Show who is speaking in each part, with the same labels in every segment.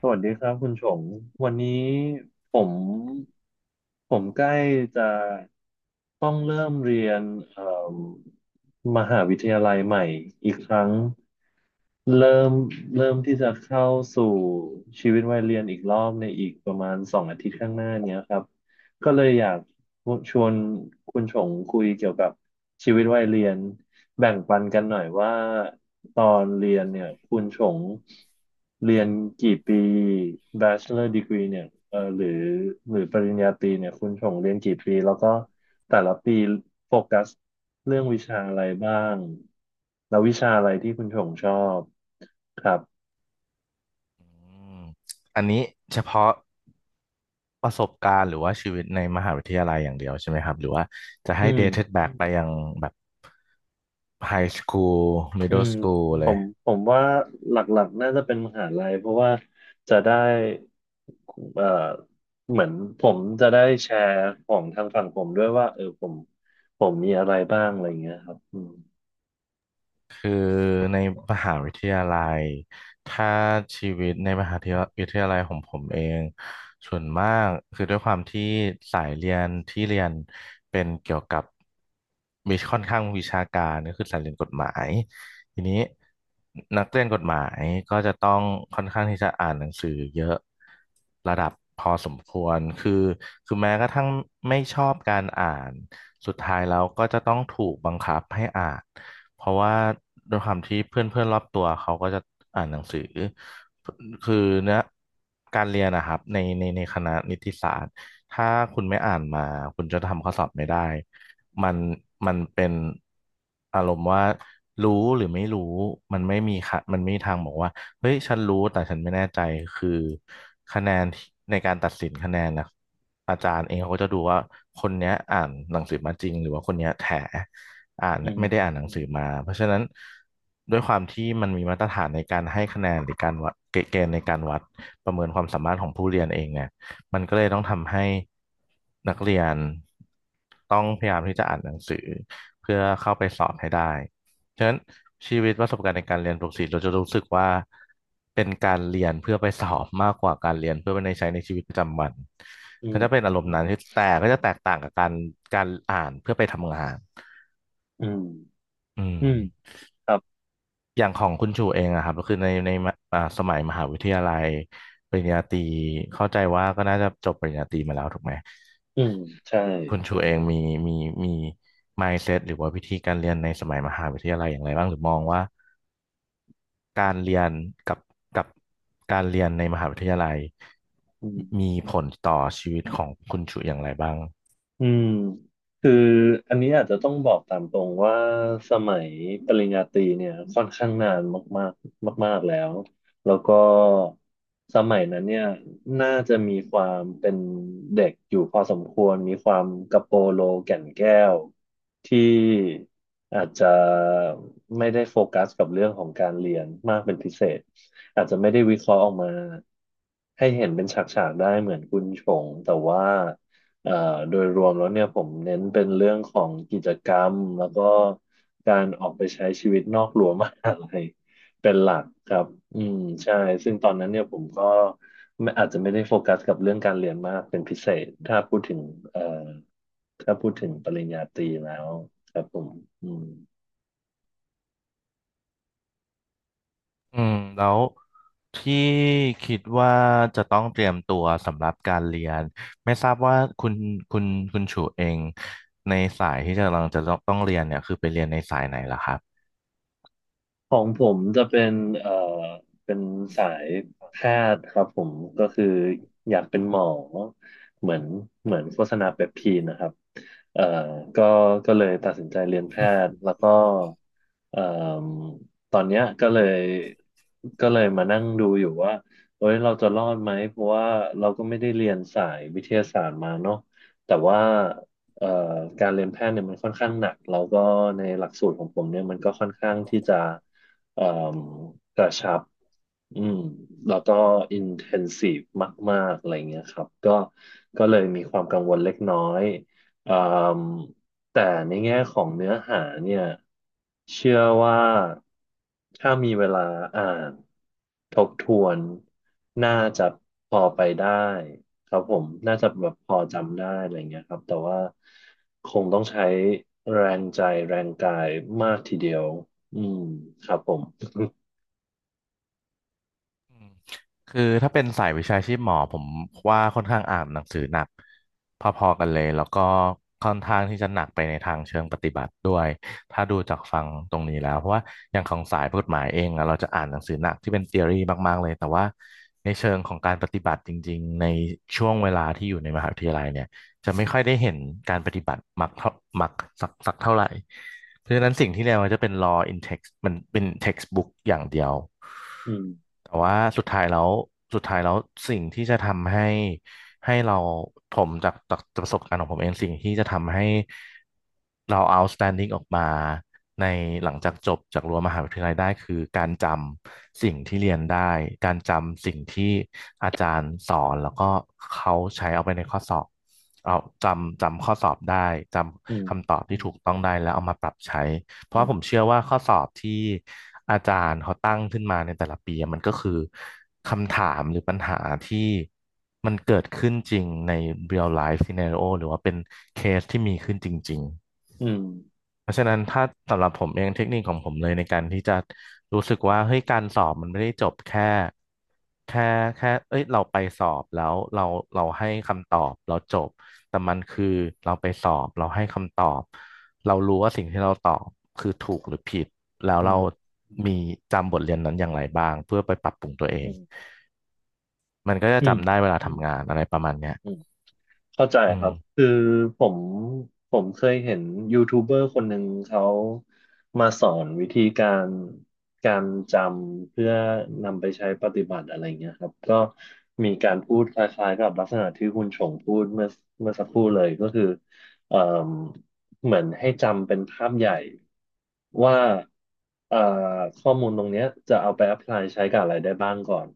Speaker 1: สวัสดีครับคุณชงวันนี้ผมผมใกล้จะต้องเริ่มเรียนเอ่มมหาวิทยาลัยใหม่อีกครั้งเริ่มเริ่มที่จะเข้าสู่ชีวิตวัยเรียนอีกรอบในอีกประมาณ2 อาทิตย์ข้างหน้าเนี้ยครับก็เลยอยากชวนคุณชงคุยเกี่ยวกับชีวิตวัยเรียนแบ่งปันกันหน่อยว่า ตอนเรียนเนี่ยคุณชงเรียนกี่ปี Bachelor Degree เนี่ยเออหรือปริญญาตรีเนี่ยคุณชงเรียนกี่ปีแล้วก็แต่ละปีโฟกัสเรื่องวิชาอะไรบ้างแล้ววิชาอะไรที่คุณชงชอบครับ
Speaker 2: อืมอันนี้เฉพาะประสบการณ์หรือว่าชีวิตในมหาวิทยาลัยอย่างเดียวใช่ไหมครับหรือว่าจะ
Speaker 1: อื
Speaker 2: ให้
Speaker 1: ม
Speaker 2: dated back ไปยังแบบ high school
Speaker 1: อื
Speaker 2: middle
Speaker 1: ม
Speaker 2: school
Speaker 1: ผ
Speaker 2: เลย
Speaker 1: มผมว่าหลักๆน่าจะเป็นมหาลัยเพราะว่าจะได้เอ่อเหมือนผมจะได้แชร์ของทางฝั่งผมด้วยว่าเออผมมีอะไรบ้างอะไรเงี้ยครับอืม
Speaker 2: คือในมหาวิทยาลัยถ้าชีวิตในมหาวิทยาลัยของผมเองส่วนมากคือด้วยความที่สายเรียนที่เรียนเป็นเกี่ยวกับมีค่อนข้างวิชาการก็คือสายเรียนกฎหมายทีนี้นักเรียนกฎหมายก็จะต้องค่อนข้างที่จะอ่านหนังสือเยอะระดับพอสมควรคือแม้กระทั่งไม่ชอบการอ่านสุดท้ายแล้วก็จะต้องถูกบังคับให้อ่าน เพราะว่าด้วยความที่เพื่อนเพื่อนรอบตัวเขาก็จะอ่านหนังสือคือเนี้ยการเรียนนะครับในคณะนิติศาสตร์ถ้าคุณไม่อ่านมาคุณจะทำข้อสอบไม่ได้ มันมันเป็นอารมณ์ว่ารู้หรือไม่รู้มันไม่มีค่ะมันไม่มีทางบอกว่าเฮ้ยฉันรู้แต่ฉันไม่แน่ใจคือคะแนนที่ในการตัดสินคะแนนนะอาจารย์เองเขาก็จะดูว่าคนเนี้ยอ่านหนังสือมาจริงหรือว่าคนเนี้ยแถอ่าน
Speaker 1: อืม
Speaker 2: ไม่ได้อ่านหนังสือมาเพราะฉะนั้นด้วยความที่มันมีมาตรฐานในการให้คะแนนหรือการวัดเกณฑ์ในการวัดประเมินความสามารถของผู้เรียนเองเนี่ย มันก็เลยต้องทำให้นักเรียนต้องพยายามที่จะอ่านหนังสือเพื่อเข้าไปสอบให้ได้ฉะนั้นชีวิตประสบการณ์ในการเรียนปกติเราจะรู้สึกว่าเป็นการเรียนเพื่อไปสอบมากกว่าการเรียนเพื่อไปในใช้ในชีวิตประจำวัน
Speaker 1: อื
Speaker 2: ก็จะเป็น
Speaker 1: ม
Speaker 2: อารมณ์นั้นที่แต่ก็จะแตกต่างกับการอ่านเพื่อไปทำงาน
Speaker 1: อืม
Speaker 2: อืม
Speaker 1: อืมครับ
Speaker 2: อย่างของคุณชูเองอะครับก็คือในสมัยมหาวิทยาลัยปริญญาตรีเข้าใจว่าก็น่าจะจบปริญญาตรีมาแล้วถูกไหม
Speaker 1: อืมใช่
Speaker 2: คุณชูเองมีมี mindset หรือว่าวิธีการเรียนในสมัยมหาวิทยาลัยอย่างไรบ้างหรือมองว่าการเรียนกับกับการเรียนในมหาวิทยาลัย
Speaker 1: อืม
Speaker 2: มีผลต่อชีวิตของคุณชูอย่างไรบ้าง
Speaker 1: อืมคืออันนี้อาจจะต้องบอกตามตรงว่าสมัยปริญญาตรีเนี่ยค่อนข้างนานมากๆมากๆแล้วแล้วก็สมัยนั้นเนี่ยน่าจะมีความเป็นเด็กอยู่พอสมควรมีความกระโปโลแก่นแก้วที่อาจจะไม่ได้โฟกัสกับเรื่องของการเรียนมากเป็นพิเศษอาจจะไม่ได้วิเคราะห์ออกมาให้เห็นเป็นฉากๆได้เหมือนคุณชงแต่ว่า เอ่อโดยรวมแล้วเนี่ยผมเน้นเป็นเรื่องของกิจกรรมแล้วก็การออกไปใช้ชีวิตนอกรั้วมหาลัย เป็นหลักครับอืมใช่ซึ่งตอนนั้นเนี่ยผมก็ไม่อาจจะไม่ได้โฟกัสกับเรื่องการเรียนมากเป็นพิเศษถ้าพูดถึงเอ่อถ้าพูดถึงปริญญาตรีแล้วครับผมอืม
Speaker 2: อืมแล้วที่คิดว่าจะต้องเตรียมตัวสำหรับการเรียนไม่ทราบว่าคุณคุณชูเองในสายที่จะกำลังจะต้องเรียนเนี่ยคือไปเรียนในสายไหนล่ะครับ
Speaker 1: ของผมจะเป็นเอ่อเป็นสายแพทย์ครับผมก็คืออยากเป็นหมอเหมือนเหมือนโฆษณาเปปทีนนะครับเอ่อก็ก็เลยตัดสินใจเรียนแพทย์แล้วก็เอ่อตอนเนี้ยก็เลยมานั่งดูอยู่ว่าเอ้ยเราจะรอดไหมเพราะว่าเราก็ไม่ได้เรียนสายวิทยาศาสตร์มาเนาะแต่ว่า เอ่อการเรียนแพทย์เนี่ยมันค่อนข้างหนักแล้วก็ในหลักสูตรของผมเนี่ยมันก็ค่อนข้างที่จะเอ่มกระชับ อืมแล้วก็อินเทนซีฟมากๆอะไรเงี้ยครับก็ก็เลยมีความกังวลเล็กน้อยอ่ามแต่ในแง่ของเนื้อหาเนี่ยเชื่อว่าถ้ามีเวลาอ่านทบทวนน่าจะพอไปได้ครับผมน่าจะแบบพอจำได้อะไรเงี้ยครับแต่ว่าคงต้องใช้แรงใจแรงกายมากทีเดียวอืมครับผม
Speaker 2: อืมคือถ้าเป็นสายวิชาชีพหมอผมว่าค่อนข้างอ่านหนังสือหนักพอๆกันเลยแล้วก็ค่อนข้างที่จะหนักไปในทางเชิงปฏิบัติด้วยถ้าดูจากฟังตรงนี้แล้วเพราะว่าอย่างของสายกฎหมายเองอะเราจะอ่านหนังสือหนักที่เป็น t h e o รีมากๆเลยแต่ว่าในเชิงของการปฏิบัติจริงๆในช่วงเวลาที่อยู่ในมหาวิทยาลัยเนี่ยจะไม่ค่อยได้เห็นการปฏิบัติมักเท่ามักสักสักเท่าไหร่ เพราะฉะนั้นสิ่งที่เรียนมันจะเป็น law in text มันเป็น textbook อย่างเดียว
Speaker 1: อืม
Speaker 2: แต่ว่าสุดท้ายแล้วสิ่งที่จะทำให้ให้เราผมจากประสบการณ์ของผมเองสิ่งที่จะทำให้เรา outstanding ออกมาในหลังจากจบจากรั้วมหาวิทยาลัยได้คือการจำสิ่งที่เรียนได้การจำสิ่งที่อาจารย์สอนแล้วก็เขาใช้เอาไปในข้อสอบ เอาจำข้อสอบได้จ
Speaker 1: อืม
Speaker 2: ำคำตอบที่ถูกต้องได้แล้วเอามาปรับใช้เพ
Speaker 1: อื
Speaker 2: ราะว่า
Speaker 1: ม
Speaker 2: ผมเชื่อว่าข้อสอบที่อาจารย์เขาตั้งขึ้นมาในแต่ละปีอะมันก็คือคำถามหรือปัญหาที่มันเกิดขึ้นจริงใน real life scenario หรือว่าเป็นเคสที่มีขึ้นจริง
Speaker 1: อืม
Speaker 2: เพราะฉะนั้นถ้าสำหรับผมเองเทคนิคของผมเลยในการที่จะรู้สึกว่าเฮ้ยการสอบมันไม่ได้จบแค่แค่เอ้ยเราไปสอบแล้วเราให้คำตอบเราจบแต่มันคือเราไปสอบเราให้คำตอบเรารู้ว่าสิ่งที่เราตอบคือถูกหรือผิดแล้ว
Speaker 1: อื
Speaker 2: เรา
Speaker 1: ม
Speaker 2: มีจำบทเรียนนั้นอย่างไรบ้างเพื่อไปปรับปรุงตัวเอ
Speaker 1: อื
Speaker 2: ง
Speaker 1: ม
Speaker 2: มันก็จะ
Speaker 1: อืม
Speaker 2: จำได้เวลาทำงานอะไรประมาณเนี้ย
Speaker 1: อืม เข้าใจ
Speaker 2: อื
Speaker 1: ครั
Speaker 2: ม
Speaker 1: บคือผมผมเคยเห็นยูทูบเบอร์คนหนึ่งเขามาสอนวิธีการการจำเพื่อนำไปใช้ปฏิบัติอะไรเงี้ยครับก็มีการพูดคล้ายๆกับลักษณะที่คุณชงพูดเมื่อสักครู่เลยก็คือเอ่มเหมือนให้จำเป็นภาพใหญ่ว่าเอ่อข้อมูลตรงเนี้ยจะเอาไป apply ใช้กับอะไรได้บ้างก่อน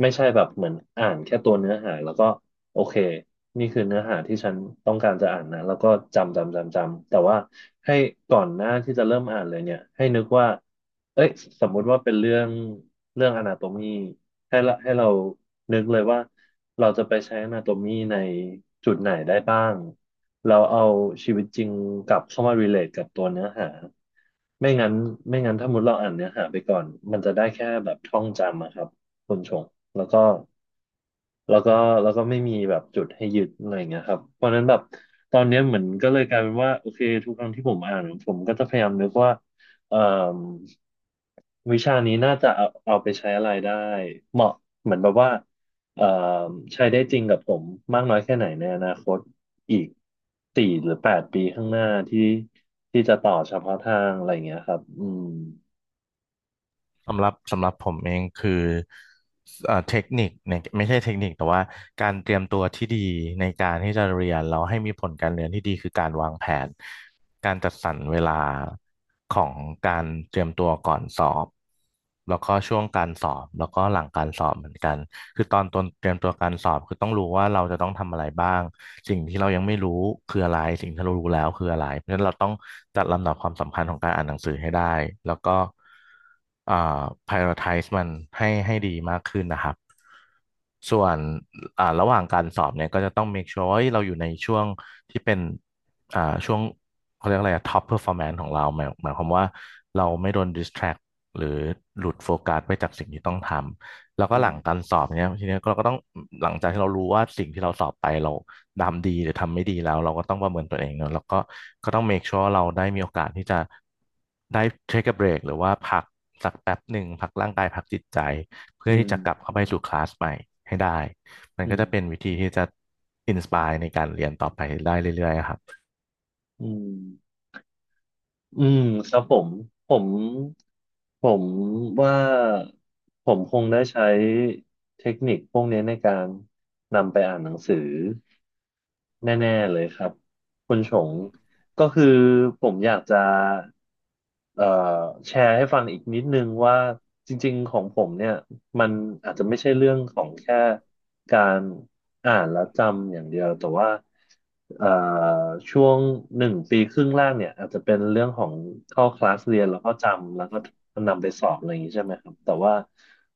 Speaker 1: ไม่ใช่แบบเหมือนอ่านแค่ตัวเนื้อหาแล้วก็ โอเคนี่คือเนื้อหาที่ฉันต้องการจะอ่านนะแล้วก็จำจำจำจำแต่ว่าให้ก่อนหน้าที่จะเริ่มอ่านเลยเนี่ยให้นึกว่าเอ้ยสมมุติว่าเป็นเรื่องอนาโตมีให้ละให้เรานึกเลยว่าเราจะไปใช้อนาโตมีในจุดไหนได้บ้างเราเอาชีวิตจริงกลับเข้ามา relate กับตัวเนื้อหาไม่งั้นไม่งั้นถ้ามุดเราอ่านเนื้อหาไปก่อนมันจะได้แค่แบบท่องจำอะครับ คนชงแล้วก็แล้วก็แล้วก็ไม่มีแบบจุดให้ยึดอะไรอย่างเงี้ยครับเพราะฉะนั้นแบบตอนเนี้ยเหมือนก็เลยกลายเป็นว่าโอเคทุกครั้งที่ผมอ่านผมก็จะพยายามนึกว่าเอ่มวิชานี้น่าจะเอาไปใช้อะไรได้เหมาะเหมือนแบบว่าเอ่มใช้ได้จริงกับผมมากน้อยแค่ไหนในอนาคตอีก4 หรือ 8 ปีข้างหน้าที่ที่จะต่อเฉพาะทางอะไรอย่างเงี้ยครับอืม
Speaker 2: สำหรับผมเองคือเทคนิคเนี่ยไม่ใช่เทคนิคแต่ว่าการเตรียมตัวที่ดีในการที่จะเรียนแล้วให้มีผลการเรียนที่ดีคือการวางแผนการจัดสรรเวลาของการเตรียมตัวก่อนสอบแล้วก็ช่วงการสอบแล้วก็หลังการสอบเหมือนกัน คือตอนเตรียมตัวการสอบคือต้องรู้ว่าเราจะต้องทำอะไรบ้างสิ่งที่เรายังไม่รู้คืออะไรสิ่งที่เรารู้แล้วคืออะไรเพราะฉะนั้นเราต้องจัดลำดับความสำคัญของการอ่านหนังสือให้ได้แล้วก็อ่า prioritize มันให้ดีมากขึ้นนะครับส่วนระหว่างการสอบเนี่ยก็จะต้อง make sure ว่าเฮ้ยเราอยู่ในช่วงที่เป็นอ่าช่วงเขาเรียกอะไรอะ top performance ของเราหมายความว่าเราไม่โดน distract หรือหลุดโฟกัสไปจากสิ่งที่ต้องทำ แล้ว
Speaker 1: อื
Speaker 2: ก็ห
Speaker 1: ม
Speaker 2: ลังการสอบเนี้ยทีเนี้ยเราก็ต้องหลังจากที่เรารู้ว่าสิ่งที่เราสอบไปเราทำดีหรือทำไม่ดีแล้วเราก็ต้องประเมินตัวเองเนอะแล้วก็ก็ต้อง make sure เราได้มีโอกาสที่จะได้ take a break หรือว่าพักสักแป๊บหนึ่งพักร่างกายพักจิตใจเพื่
Speaker 1: อื
Speaker 2: อที่
Speaker 1: ม
Speaker 2: จะกลับเข้าไปสู่คลาสใหม่ให้ได้มัน
Speaker 1: อื
Speaker 2: ก็จะเป็น
Speaker 1: ม
Speaker 2: วิธีที่จะอินสปายในการเรียนต่อไปได้เรื่อยๆครับ
Speaker 1: อืม อืมครับผมผมผมว่าผมคงได้ใช้เทคนิคพวกนี้ในการนำไปอ่านหนังสือแน่ๆเลยครับคุณชง ก็คือผมอยากจะเอ่อแชร์ให้ฟังอีกนิดนึงว่าจริงๆของผมเนี่ยมันอาจจะไม่ใช่เรื่องของแค่การอ่านและจำอย่างเดียวแต่ว่าเอ่อช่วง1 ปีครึ่งแรกเนี่ยอาจจะเป็นเรื่องของเข้าคลาสเรียนแล้วก็จำแล้วก็นำไปสอบอะไรอย่างนี้ใช่ไหมครับแต่ว่า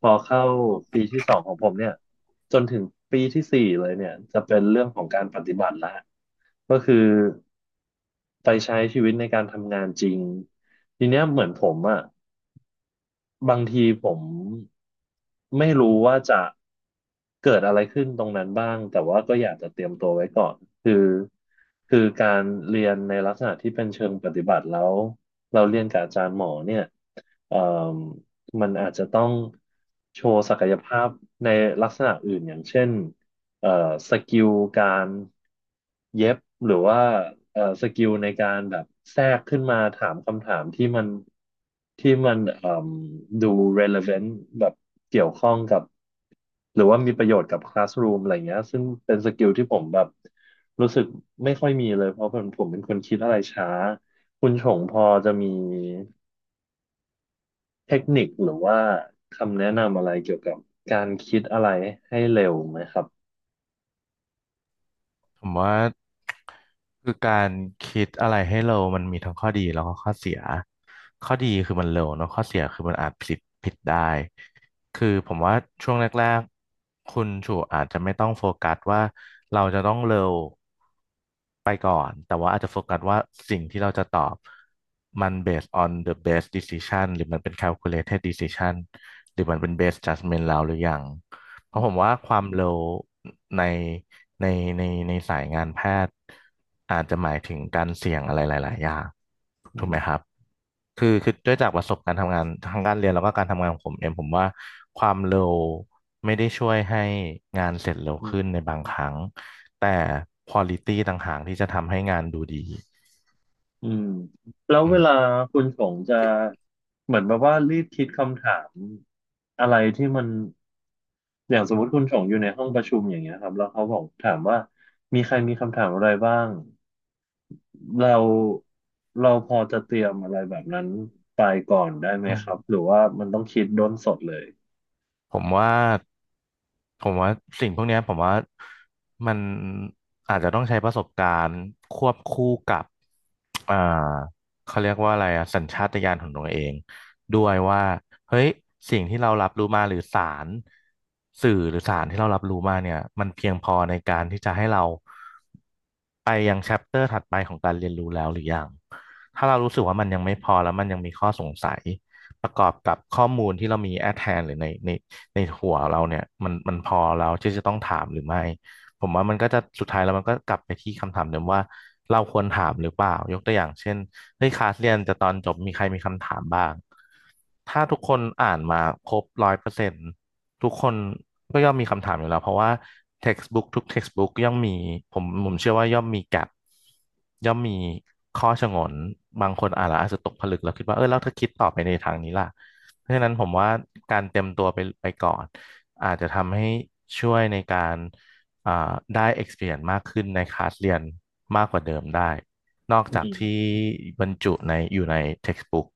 Speaker 1: พอเข้าปีที่ 2ของผมเนี่ยจนถึงปีที่ 4เลยเนี่ยจะเป็นเรื่องของการปฏิบัติละก็คือ ไปใช้ชีวิตในการทำงานจริงทีเนี้ยเหมือนผมอะบางทีผมไม่รู้ว่าจะเกิดอะไรขึ้นตรงนั้นบ้างแต่ว่าก็อยากจะเตรียมตัวไว้ก่อนคือคือการเรียนในลักษณะที่เป็นเชิงปฏิบัติแล้วเราเรียนกับอาจารย์หมอเนี่ยเอ่มมันอาจจะต้องโชว์ศักยภาพในลักษณะอื่นอย่างเช่น เอ่อสกิลการเย็บหรือว่าสกิลในการแบบแทรกขึ้นมาถามคำถามที่มันเอ่มดู relevant แบบเกี่ยวข้องกับหรือว่ามีประโยชน์กับ classroom อะไรเงี้ยซึ่งเป็นสกิลที่ผมแบบรู้สึกไม่ค่อยมีเลยเพราะผมเป็นคนคิดอะไรช้าคุณชงพอจะมีเทคนิคหรือว่าคำแนะนำอะไรเกี่ยวกับการคิดอะไรให้เร็วไหมครับ
Speaker 2: ผมว่าคือการคิดอะไรให้เร็วมันมีทั้งข้อดีแล้วก็ข้อเสียข้อดีคือมันเร็วเนอะข้อเสียคือมันอาจผิดได้คือผมว่าช่วงแรกๆคุณชูอาจจะไม่ต้องโฟกัสว่าเราจะต้องเร็วไปก่อนแต่ว่าอาจจะโฟกัสว่าสิ่งที่เราจะตอบมัน based on the best decision หรือมันเป็น calculated decision หรือมันเป็น based judgment เราหรือยัง เพ
Speaker 1: อื
Speaker 2: ราะผมว่า
Speaker 1: ม
Speaker 2: ความเร็วในในในในสายงานแพทย์อาจจะหมายถึงการเสี่ยงอะไรหลายๆอย่าง
Speaker 1: อื
Speaker 2: ถูกไหม
Speaker 1: ม
Speaker 2: ครับคือด้วยจากประสบการณ์ทำงานทางการเรียนแล้วก็การทำงานของผมเองผมว่าความเร็วไม่ได้ช่วยให้งานเสร็จเร็ว
Speaker 1: อื
Speaker 2: ขึ้นใน
Speaker 1: ม
Speaker 2: บางครั้งแต่ควอลิตี้ต่างหากที่จะทำให้งานดูดี
Speaker 1: อืมแล้ว
Speaker 2: อื
Speaker 1: เว
Speaker 2: ม
Speaker 1: ลาคุณชงจะ
Speaker 2: ที่
Speaker 1: เหมือนแบบว่ารีบคิดคำถามอะไรที่มันอย่างสมมติคุณชงอยู่ในห้องประชุมอย่างเงี้ยครับแล้วเขาบอกถามว่ามีใครมีคำถามอะไรบ้างเราเราพอจะเตรียมอะไรแบบนั้นไปก่อนได้ไหม
Speaker 2: อืม
Speaker 1: ครับหรือว่ามันต้องคิดด้นสดเลย
Speaker 2: ผมว่าผมว่าสิ่งพวกเนี้ยผมว่ามันอาจจะต้องใช้ประสบการณ์ควบคู่กับ อ่าเขาเรียกว่าอะไรอะสัญชาตญาณของตัวเองด้วยว่าเฮ้ยสิ่งที่เรารับรู้มาหรือสารสื่อหรือสารที่เรารับรู้มาเนี่ยมันเพียงพอในการที่จะให้เราไปยังแชปเตอร์ถัดไปของการเรียนรู้แล้วหรือยังถ้าเรารู้สึกว่ามันยังไม่พอแล้วมันยังมีข้อสงสัยประกอบกับข้อมูลที่เรามีแอทแทนหรือในหัวเราเนี่ยมันพอเราที่จะต้องถามหรือไม่ ผมว่ามันก็จะสุดท้ายแล้วมันก็กลับไปที่คำถามเดิมว่าเราควรถามหรือเปล่ายกตัวอย่างเช่นเฮ้ยคลาสเรียนจะตอนจบมีใครมีคำถามบ้างถ้าทุกคนอ่านมาครบร้อยเปอร์เซ็นต์ทุกคนก็ย่อมมีคำถามอยู่แล้วเพราะว่า textbook ทุก textbook ย่อมมีผมผมเชื่อว่าย่อมมี gap ย่อมมีข้อฉงนบางคนอ่านแล้วอาจจะตกผลึกแล้วคิดว่าเออแล้วถ้าคิดต่อไปในทางนี้ล่ะเพราะฉะนั้นผมว่าการเตรียมตัวไปก่อนอาจจะทำให้ช่วยในการ อ่าได้ experience มากขึ้นในคลาสเรียนมากกว่าเดิมได้นอก
Speaker 1: อื
Speaker 2: จากที่
Speaker 1: ม
Speaker 2: บรรจุในอยู่ใน textbook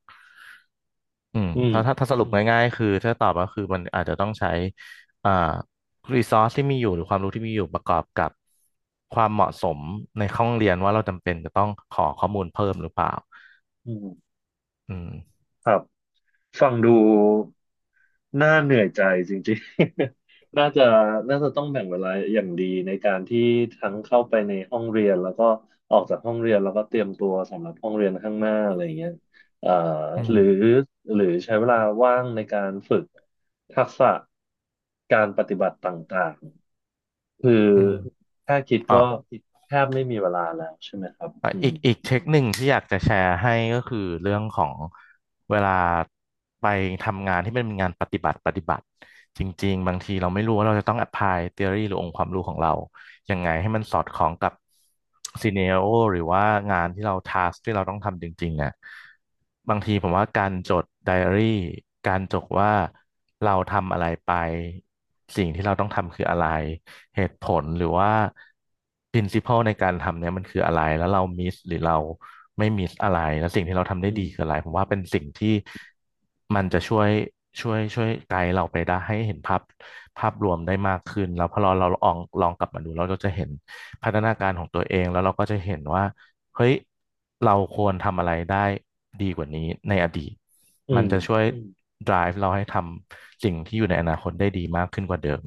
Speaker 2: อืม
Speaker 1: อื
Speaker 2: ถ้าถ้า
Speaker 1: ม
Speaker 2: ถ้าสรุปง่ายๆคือถ้าตอบก็คือมันอาจจะต้องใช้อ่า resource ที่มีอยู่หรือความรู้ที่มีอยู่ประกอบกับความเหมาะสมในห้องเรียนว่าเราจำเป็นจะต้องขอข้อมูลเพิ่มหรือเปล่า
Speaker 1: อืม
Speaker 2: อืม
Speaker 1: ครับ ฟังดูน่าเหนื่อยใจจริงๆ น่าจะต้องแบ่งเวลาอย่างดีในการที่ทั้งเข้าไปในห้องเรียนแล้วก็ออกจากห้องเรียนแล้วก็เตรียมตัวสำหรับห้องเรียนข้างหน้าอะไรอย่างเงี้ยเอ่อ
Speaker 2: อื
Speaker 1: ห
Speaker 2: ม
Speaker 1: รือหรือใช้เวลาว่างในการฝึกทักษะการปฏิบัติต่างๆคือ
Speaker 2: อืม
Speaker 1: แค่คิด
Speaker 2: อ่ะ
Speaker 1: ก็แทบไม่มีเวลาแล้วใช่ไหมครับ
Speaker 2: อ่ะ
Speaker 1: อื
Speaker 2: อี
Speaker 1: ม
Speaker 2: กอีกเทคหนึ่งที่อยากจะแชร์ให้ก็คือเรื่องของเวลาไปทำงานที่มันเป็นงานปฏิบัติจริงๆบางทีเราไม่รู้ว่าเราจะต้อง apply theory หรือองค์ความรู้ของเรา ยังไงให้มันสอดคล้องกับซีเนียโอหรือว่างานที่เราทาสที่เราต้องทำจริงๆอ่ะบางทีผมว่าการจดไดอารี่การจดว่าเราทำอะไรไปสิ่งที่เราต้องทำคืออะไรเหตุผลหรือว่า principle ในการทำเนี่ยมันคืออะไรแล้วเรามิสหรือเราไม่มิสอะไรแล้วสิ่งที่เราทำได้
Speaker 1: อื
Speaker 2: ดี
Speaker 1: ม
Speaker 2: คืออะไรผมว่าเป็นสิ่งที่ มันจะช่วยไกด์เราไปได้ให้เห็นภาพรวมได้มากขึ้นแล้วพอเราลองกลับมาดูเราก็จะเห็นพัฒนาการของตัวเองแล้วเราก็จะเห็นว่าเฮ้ยเราควรทำอะไรได้ดีกว่านี้ในอดีต
Speaker 1: อื
Speaker 2: มัน
Speaker 1: ม
Speaker 2: จะช่วยdrive เราให้ทำสิ่งที่อยู่ในอนาคตได้ดีมากขึ้นกว่าเดิม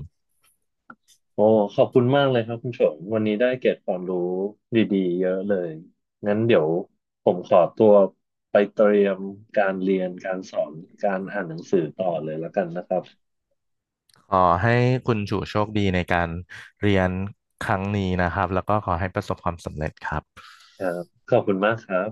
Speaker 1: โอ้ขอบคุณมากเลยครับคุณชงวันนี้ได้เกร็ดความรู้ดีๆเยอะเลยงั้นเดี๋ยวผมขอตัวไปเตรียมการเรียนการสอนการอ่านหนังสือต่อเลยแล้วกันนะครับ
Speaker 2: ขอให้คุณชูโชคดีในการเรียนครั้งนี้นะครับแล้วก็ขอให้ประสบความสำเร็จครับ
Speaker 1: ครับขอบคุณมากครับ